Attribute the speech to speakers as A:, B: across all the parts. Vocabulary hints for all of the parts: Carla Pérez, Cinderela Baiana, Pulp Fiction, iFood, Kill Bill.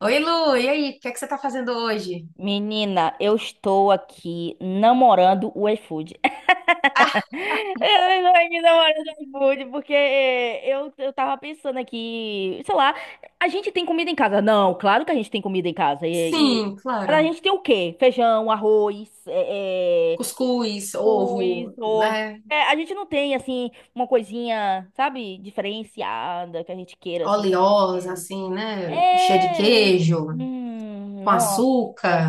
A: Oi, Lu, e aí? O que é que você tá fazendo hoje?
B: Menina, eu estou aqui namorando o iFood.
A: Ah,
B: Eu estou aqui namorando o iFood porque eu tava pensando aqui, sei lá, a gente tem comida em casa? Não, claro que a gente tem comida em casa.
A: sim,
B: Mas a
A: claro.
B: gente tem o quê? Feijão, arroz,
A: Cuscuz,
B: arroz,
A: ovo,
B: ovo.
A: né?
B: É, a gente não tem, assim, uma coisinha, sabe, diferenciada que a gente queira, assim.
A: Oleosa, assim, né? Cheia de
B: É.
A: queijo, com
B: Nossa,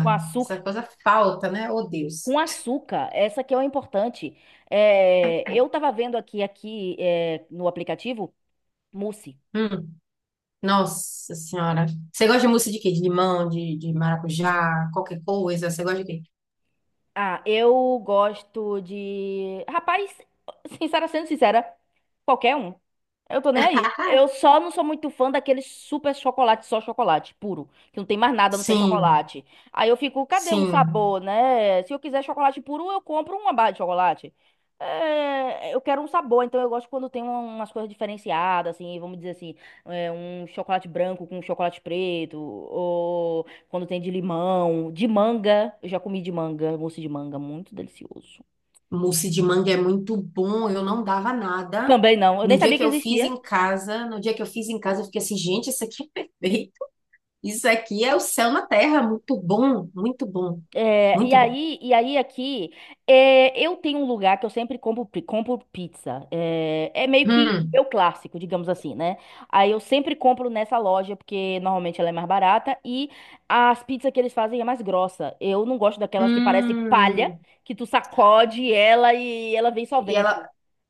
B: com
A: Essa
B: açúcar.
A: coisa falta, né? Oh, Deus.
B: Com açúcar, essa que é o importante. É, eu tava vendo aqui, no aplicativo, mousse.
A: Hum, nossa senhora. Você gosta de mousse de quê? De limão, de maracujá, qualquer coisa? Você gosta de quê?
B: Ah, eu gosto de... Rapaz, sendo sincera, qualquer um. Eu tô nem aí. Eu só não sou muito fã daquele super chocolate, só chocolate puro, que não tem mais nada a não ser
A: Sim,
B: chocolate. Aí eu fico, cadê um
A: sim.
B: sabor, né? Se eu quiser chocolate puro, eu compro uma barra de chocolate. É, eu quero um sabor, então eu gosto quando tem umas coisas diferenciadas, assim, vamos dizer assim, um chocolate branco com chocolate preto, ou quando tem de limão, de manga. Eu já comi de manga, mousse de manga, muito delicioso.
A: Mousse de manga é muito bom. Eu não dava nada.
B: Também não, eu nem
A: No dia
B: sabia
A: que
B: que
A: eu fiz
B: existia.
A: em casa, no dia que eu fiz em casa, eu fiquei assim, gente, isso aqui é perfeito. Isso aqui é o céu na terra, muito bom, muito bom,
B: É,
A: muito bom.
B: e aí aqui, é, eu tenho um lugar que eu sempre compro, compro pizza. É, é meio que
A: Hum,
B: meu clássico, digamos assim, né? Aí eu sempre compro nessa loja, porque normalmente ela é mais barata e as pizzas que eles fazem é mais grossa. Eu não gosto daquelas que parecem palha,
A: hum.
B: que tu sacode ela e ela vem só
A: E ela,
B: vento.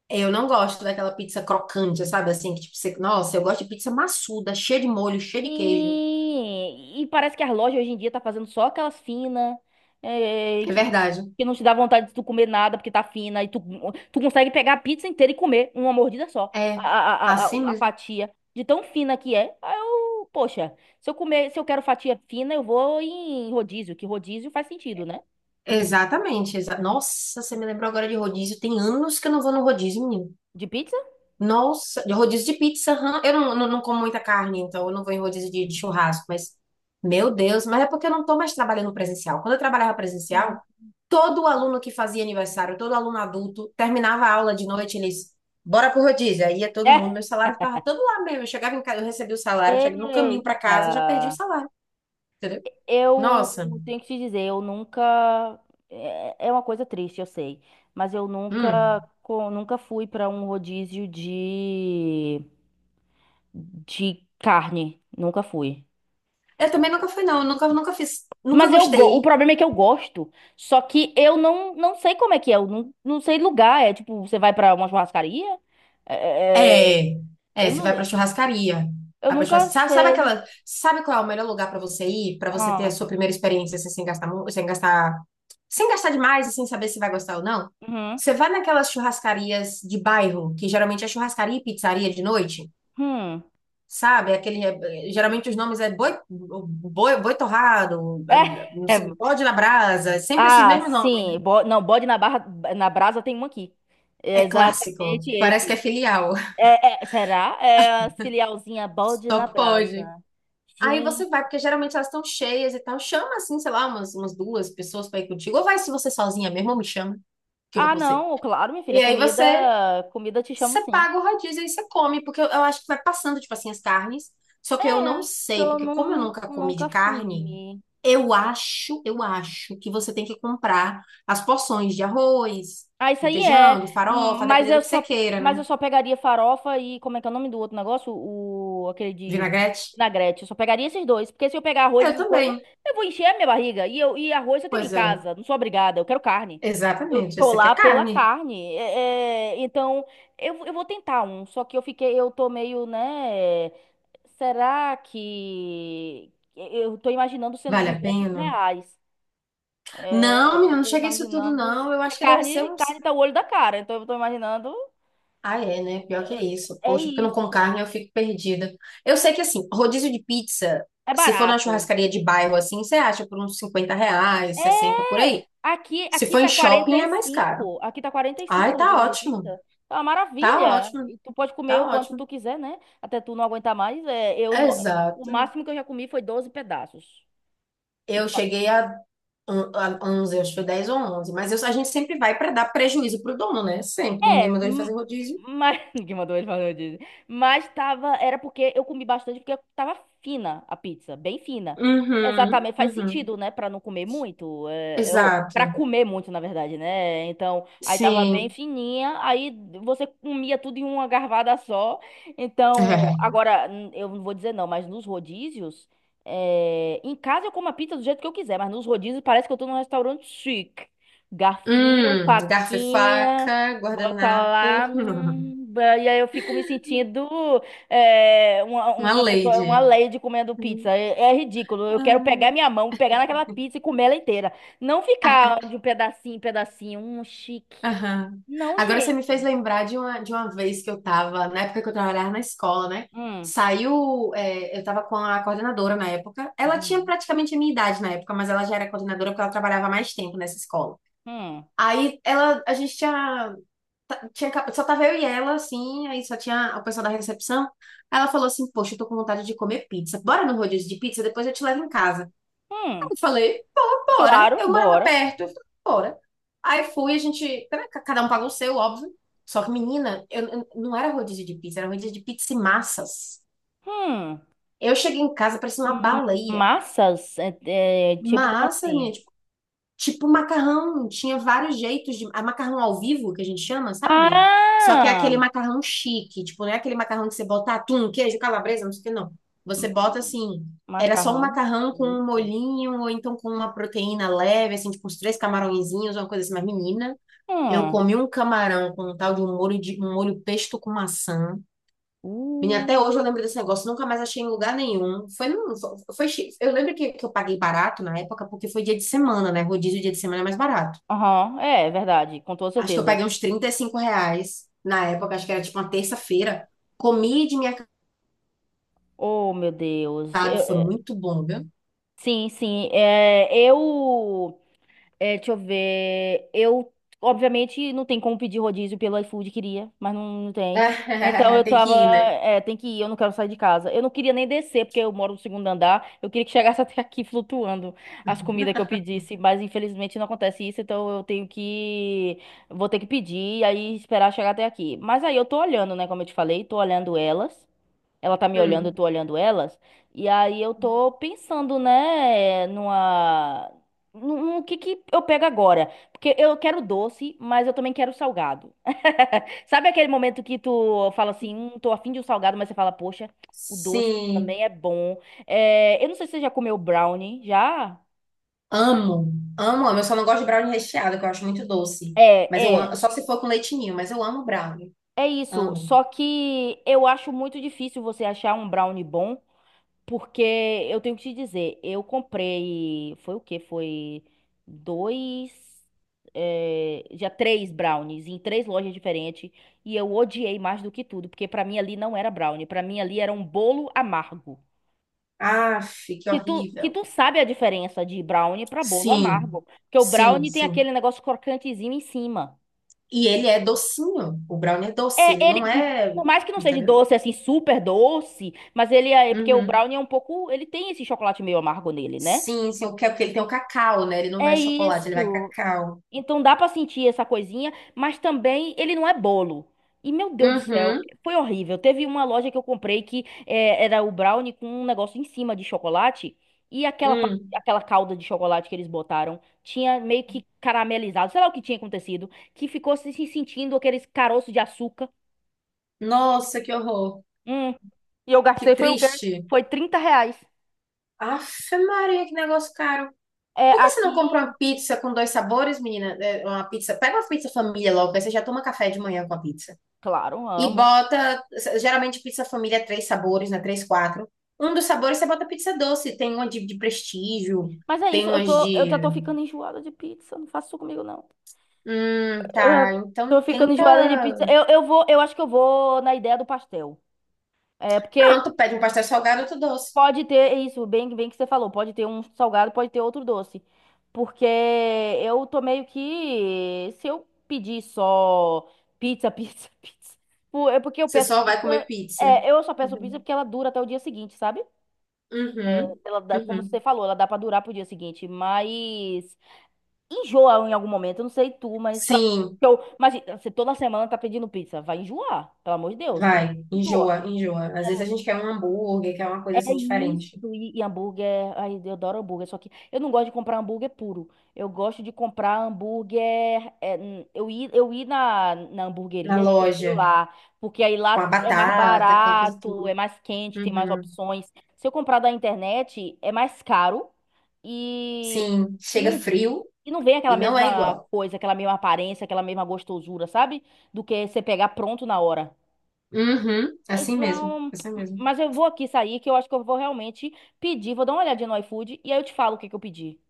A: eu não gosto daquela pizza crocante, sabe? Assim, que tipo, você, nossa, eu gosto de pizza maçuda, cheia de molho, cheia de queijo.
B: Sim, e parece que as lojas hoje em dia tá fazendo só aquelas finas, é,
A: É
B: que,
A: verdade.
B: que não te dá vontade de tu comer nada porque tá fina, tu consegue pegar a pizza inteira e comer uma mordida só, a,
A: É,
B: a, a,
A: assim
B: a a
A: mesmo.
B: fatia, de tão fina que é. Aí eu, poxa, se eu quero fatia fina, eu vou em rodízio, que rodízio faz sentido, né?
A: Exatamente. Nossa, você me lembrou agora de rodízio. Tem anos que eu não vou no rodízio, menino.
B: De pizza?
A: Nossa, de rodízio de pizza, aham. Eu não como muita carne, então eu não vou em rodízio de churrasco, mas, meu Deus, mas é porque eu não tô mais trabalhando presencial. Quando eu trabalhava presencial,
B: Hum.
A: todo aluno que fazia aniversário, todo aluno adulto, terminava a aula de noite, eles, bora pro rodízio. Aí ia todo mundo, meu salário ficava todo lá mesmo. Eu chegava em casa, eu recebia o salário, eu
B: É.
A: chegava no caminho pra casa, eu já perdi o
B: Eita.
A: salário, entendeu? Nossa,
B: Eu tenho que te dizer, eu nunca. É é uma coisa triste, eu sei. Mas eu nunca,
A: hum.
B: nunca fui pra um rodízio de carne. Nunca fui.
A: Eu também nunca fui, não. Eu nunca fiz, nunca
B: Mas eu, o
A: gostei.
B: problema é que eu gosto. Só que eu não sei como é que é. Eu não sei lugar. É tipo, você vai pra uma churrascaria? É- é-
A: É,
B: é,
A: é,
B: eu,
A: você
B: não,
A: vai pra churrascaria.
B: eu
A: Vai pra churras-
B: nunca
A: Sabe, sabe
B: sei.
A: aquela, sabe qual é o melhor lugar pra você ir, pra você ter a
B: Ah,
A: sua primeira experiência assim, sem gastar demais e sem saber se vai gostar ou não?
B: uhum,
A: Você vai naquelas churrascarias de bairro, que geralmente é churrascaria e pizzaria de noite,
B: hum.
A: sabe? Aquele, geralmente os nomes é boi, boi, boi torrado, é, não
B: É.
A: sei, bode na brasa, sempre esses
B: Ah,
A: mesmos nomes.
B: sim. Não, bode na barra, na brasa tem um aqui. É
A: É clássico,
B: exatamente
A: parece que é
B: esse.
A: filial,
B: Será? É a filialzinha bode
A: só
B: na brasa.
A: pode. Aí
B: Gente.
A: você vai, porque geralmente elas estão cheias e tal. Chama, assim, sei lá, umas duas pessoas pra ir contigo. Ou vai se você sozinha mesmo, ou me chama, que eu vou
B: Ah,
A: com você.
B: não, claro, minha filha.
A: E aí
B: Comida,
A: você,
B: comida te chamo
A: você
B: sim.
A: paga o rodízio e você come, porque eu acho que vai passando, tipo assim, as carnes. Só que eu não
B: É, que
A: sei,
B: eu
A: porque como eu
B: não,
A: nunca comi de
B: nunca
A: carne,
B: fumi.
A: eu acho que você tem que comprar as porções de arroz,
B: Ah, isso
A: de
B: aí é.
A: feijão, de farofa,
B: Mas
A: dependendo do que você queira,
B: mas
A: né?
B: eu só pegaria farofa e como é que é o nome do outro negócio? O, aquele de
A: Vinagrete?
B: vinagrete. Eu só pegaria esses dois, porque se eu pegar arroz e
A: Eu
B: essas coisas,
A: também.
B: eu vou encher a minha barriga. E eu e arroz eu tenho em
A: Pois é,
B: casa. Não sou obrigada. Eu quero carne. Eu
A: exatamente.
B: tô
A: Você quer
B: lá pela
A: carne?
B: carne. Então eu vou tentar um. Só que eu fiquei, eu tô meio, né? Será que eu tô imaginando sendo
A: Vale a
B: 200
A: pena?
B: reais?
A: Não,
B: É, eu
A: menina, não
B: tô
A: cheguei isso tudo,
B: imaginando.
A: não. Eu
B: Porque
A: acho que deve ser
B: carne
A: uns.
B: tá o olho da cara, então eu tô imaginando.
A: Ah, é, né? Pior que
B: É,
A: é isso.
B: é
A: Poxa, porque eu não com
B: isso.
A: carne eu fico perdida. Eu sei que, assim, rodízio de pizza,
B: É
A: se for na
B: barato.
A: churrascaria de bairro, assim, você acha por uns R$ 50, 60 por
B: É!
A: aí. Se
B: Aqui
A: for em
B: tá quarenta
A: shopping,
B: e
A: é mais caro.
B: cinco Aqui tá quarenta e cinco
A: Ai, tá
B: rodízio de
A: ótimo.
B: pizza. Tá uma
A: Tá
B: maravilha.
A: ótimo.
B: E tu pode comer
A: Tá
B: o quanto
A: ótimo.
B: tu quiser, né? Até tu não aguentar mais. É, eu não... O
A: Exato.
B: máximo que eu já comi foi 12 pedaços.
A: Eu cheguei a 11, acho que foi 10 ou 11. Mas eu- a gente sempre vai para dar prejuízo pro dono, né? Sempre. Ninguém
B: É,
A: mandou ele
B: m-
A: fazer rodízio.
B: mas ninguém mandou ele fazer rodízio. Mas tava, era porque eu comi bastante porque tava fina a pizza, bem fina.
A: Uhum,
B: Exatamente, faz
A: uhum.
B: sentido, né? Pra não comer muito, ou para
A: Exato.
B: comer muito, na verdade, né? Então, aí tava bem
A: Sim.
B: fininha, aí você comia tudo em uma garvada só. Então, agora eu não vou dizer não, mas nos rodízios, em casa eu como a pizza do jeito que eu quiser, mas nos rodízios parece que eu tô num restaurante chique. Garfinho,
A: Garfo e
B: faquinha.
A: faca,
B: Bota lá,
A: guardanapo.
B: e aí eu fico me sentindo
A: Uma
B: uma pessoa, uma
A: lady.
B: lady comendo
A: Hum,
B: pizza. É, é ridículo. Eu quero pegar minha mão, pegar naquela pizza e comer ela inteira. Não
A: ah, ah,
B: ficar de um pedacinho em pedacinho. Um chique.
A: aham.
B: Não,
A: Agora você
B: gente.
A: me fez lembrar de uma vez que eu tava, na época que eu trabalhava na escola, né?
B: Hum,
A: Saiu, é, eu tava com a coordenadora na época. Ela tinha
B: uhum,
A: praticamente a minha idade na época, mas ela já era coordenadora porque ela trabalhava mais tempo nessa escola.
B: hum,
A: A gente tinha só tava eu e ela, assim, aí só tinha o pessoal da recepção. Aí ela falou assim, poxa, eu tô com vontade de comer pizza. Bora no rodízio de pizza, depois eu te levo em casa. Aí
B: hum.
A: eu falei, pô, bora.
B: Claro,
A: Eu morava
B: bora.
A: perto, eu falei, bora. Aí fui, a gente, né, ca- cada um pagou o seu, óbvio. Só que, menina, não era rodízio de pizza, era um rodízio de pizza e massas.
B: Hum,
A: Eu cheguei em casa, parecia uma
B: hum,
A: baleia.
B: massas? Tipo, como
A: Massas,
B: assim?
A: minha. Tipo macarrão, tinha vários jeitos de. A macarrão ao vivo, que a gente chama, sabe? Só que é
B: Ah!
A: aquele macarrão chique, tipo, não é aquele macarrão que você bota atum, queijo, calabresa, não sei o que, não. Você bota
B: Hum,
A: assim, era só um
B: macarrão
A: macarrão com um
B: chique.
A: molhinho, ou então com uma proteína leve, assim, tipo, uns três camarõezinhos, uma coisa assim, mas menina. Eu
B: Hum.
A: comi um camarão com um tal de um molho pesto com maçã. Menina, até
B: Uh.
A: hoje eu lembro desse negócio, nunca mais achei em lugar nenhum. Foi, num- foi, foi chi- eu lembro que eu paguei barato na época, porque foi dia de semana, né? Rodízio dia de semana é mais barato.
B: Aham, é, é verdade, com toda
A: Acho que eu
B: certeza.
A: paguei uns R$ 35 na época, acho que era tipo uma terça-feira. Comi de minha
B: Oh, meu Deus.
A: casa, foi
B: Eh,
A: muito bom, viu?
B: sim, sim. É, eu. É, deixa eu ver. Obviamente, não tem como pedir rodízio pelo iFood, queria, mas não, não tem. Então eu
A: Tem
B: tava.
A: que ir, né?
B: É, tem que ir, eu não quero sair de casa. Eu não queria nem descer, porque eu moro no segundo andar. Eu queria que chegasse até aqui flutuando as comidas que eu pedisse, mas infelizmente não acontece isso, então eu tenho que. Vou ter que pedir e aí esperar chegar até aqui. Mas aí eu tô olhando, né, como eu te falei, tô olhando elas. Ela tá me olhando, eu
A: Hum.
B: tô olhando elas. E aí eu tô pensando, né, numa. No que eu pego agora? Porque eu quero doce, mas eu também quero salgado. Sabe aquele momento que tu fala assim, tô afim de um salgado, mas você fala, poxa, o doce
A: Sim,
B: também é bom. É, eu não sei se você já comeu brownie, já?
A: amo, amo, amo. Eu só não gosto de brownie recheado, que eu acho muito doce.
B: É,
A: Mas eu amo,
B: é.
A: só se for com leitinho, mas eu amo brownie,
B: É isso.
A: amo.
B: Só que eu acho muito difícil você achar um brownie bom. Porque eu tenho que te dizer, eu comprei, foi o quê? Foi dois, já três brownies em três lojas diferentes e eu odiei mais do que tudo, porque pra mim ali não era brownie, pra mim ali era um bolo amargo.
A: Aff, que
B: Que
A: horrível.
B: tu sabe a diferença de brownie pra bolo
A: Sim,
B: amargo, porque o
A: sim,
B: brownie tem
A: sim.
B: aquele negócio crocantezinho em cima.
A: E ele é docinho. O brownie é doce,
B: É,
A: ele não
B: ele,
A: é.
B: por mais que não seja
A: Entendeu?
B: doce, assim, super doce, mas ele é, porque o
A: Uhum.
B: brownie é um pouco, ele tem esse chocolate meio amargo nele, né?
A: Sim, sim, o que é porque ele tem o cacau, né? Ele não
B: É
A: vai chocolate, ele vai
B: isso.
A: cacau.
B: Então dá pra sentir essa coisinha, mas também ele não é bolo. E meu Deus do céu,
A: Uhum.
B: foi horrível. Teve uma loja que eu comprei era o brownie com um negócio em cima de chocolate e
A: Hum.
B: aquela calda de chocolate que eles botaram tinha meio que caramelizado, sei lá o que tinha acontecido, que ficou se sentindo aqueles caroços de açúcar.
A: Nossa, que horror.
B: Hum. E eu
A: Que
B: gastei foi o quê?
A: triste.
B: Foi R$ 30.
A: Aff, Maria, que negócio caro.
B: É,
A: Por que você não compra uma
B: aqui,
A: pizza com dois sabores, menina? É, uma pizza. Pega uma pizza família logo, aí você já toma café de manhã com a pizza.
B: claro,
A: E
B: amo.
A: bota, geralmente pizza família é três sabores, né? Três, quatro. Um dos sabores você bota pizza doce, tem uma de prestígio,
B: Mas é
A: tem
B: isso,
A: umas
B: eu já
A: de.
B: tô ficando enjoada de pizza, não faça isso comigo não. Eu
A: Tá.
B: já
A: Então
B: tô ficando
A: tenta.
B: enjoada de pizza. Eu acho que eu vou na ideia do pastel. É, porque
A: Pronto, pede um pastel salgado, outro doce.
B: pode ter é isso, bem que você falou, pode ter um salgado, pode ter outro doce. Porque eu tô meio que se eu pedir só pizza, É porque eu
A: Você
B: peço
A: só vai comer
B: pizza,
A: pizza.
B: eu só peço pizza
A: Uhum.
B: porque ela dura até o dia seguinte, sabe? É,
A: Uhum.
B: ela dá, como você
A: Uhum.
B: falou, ela dá pra durar pro dia seguinte, mas enjoa em algum momento. Eu não sei tu, mas
A: Sim,
B: eu, mas você toda semana tá pedindo pizza, vai enjoar, pelo amor de Deus, pra
A: vai.
B: enjoa.
A: Enjoa, enjoa. Às vezes a gente quer um hambúrguer, quer uma
B: É
A: coisa assim
B: isso,
A: diferente.
B: e hambúrguer, ai, eu adoro hambúrguer, só que eu não gosto de comprar hambúrguer puro. Eu gosto de comprar hambúrguer, eu ir na
A: Na
B: hamburgueria e comer
A: loja,
B: lá, porque aí
A: com a
B: lá é mais
A: batata, aquela coisa
B: barato, é
A: tudo.
B: mais quente, tem mais
A: Uhum.
B: opções. Se eu comprar da internet, é mais caro e,
A: Sim,
B: e
A: chega
B: não
A: frio
B: e não vem aquela
A: e não é
B: mesma
A: igual.
B: coisa, aquela mesma aparência, aquela mesma gostosura, sabe? Do que você pegar pronto na hora.
A: Uhum, assim mesmo,
B: Então,
A: assim mesmo.
B: mas eu vou aqui sair, que eu acho que eu vou realmente pedir. Vou dar uma olhadinha no iFood e aí eu te falo o que que eu pedi.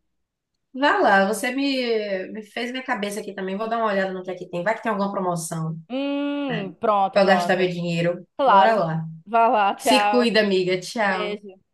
A: Vai lá, você me fez minha cabeça aqui também. Vou dar uma olhada no que é que tem. Vai que tem alguma promoção, né?
B: Pronto,
A: Pra eu gastar meu
B: pronto.
A: dinheiro. Bora
B: Claro.
A: lá.
B: Vai lá,
A: Se
B: tchau.
A: cuida, amiga. Tchau.
B: Beijo.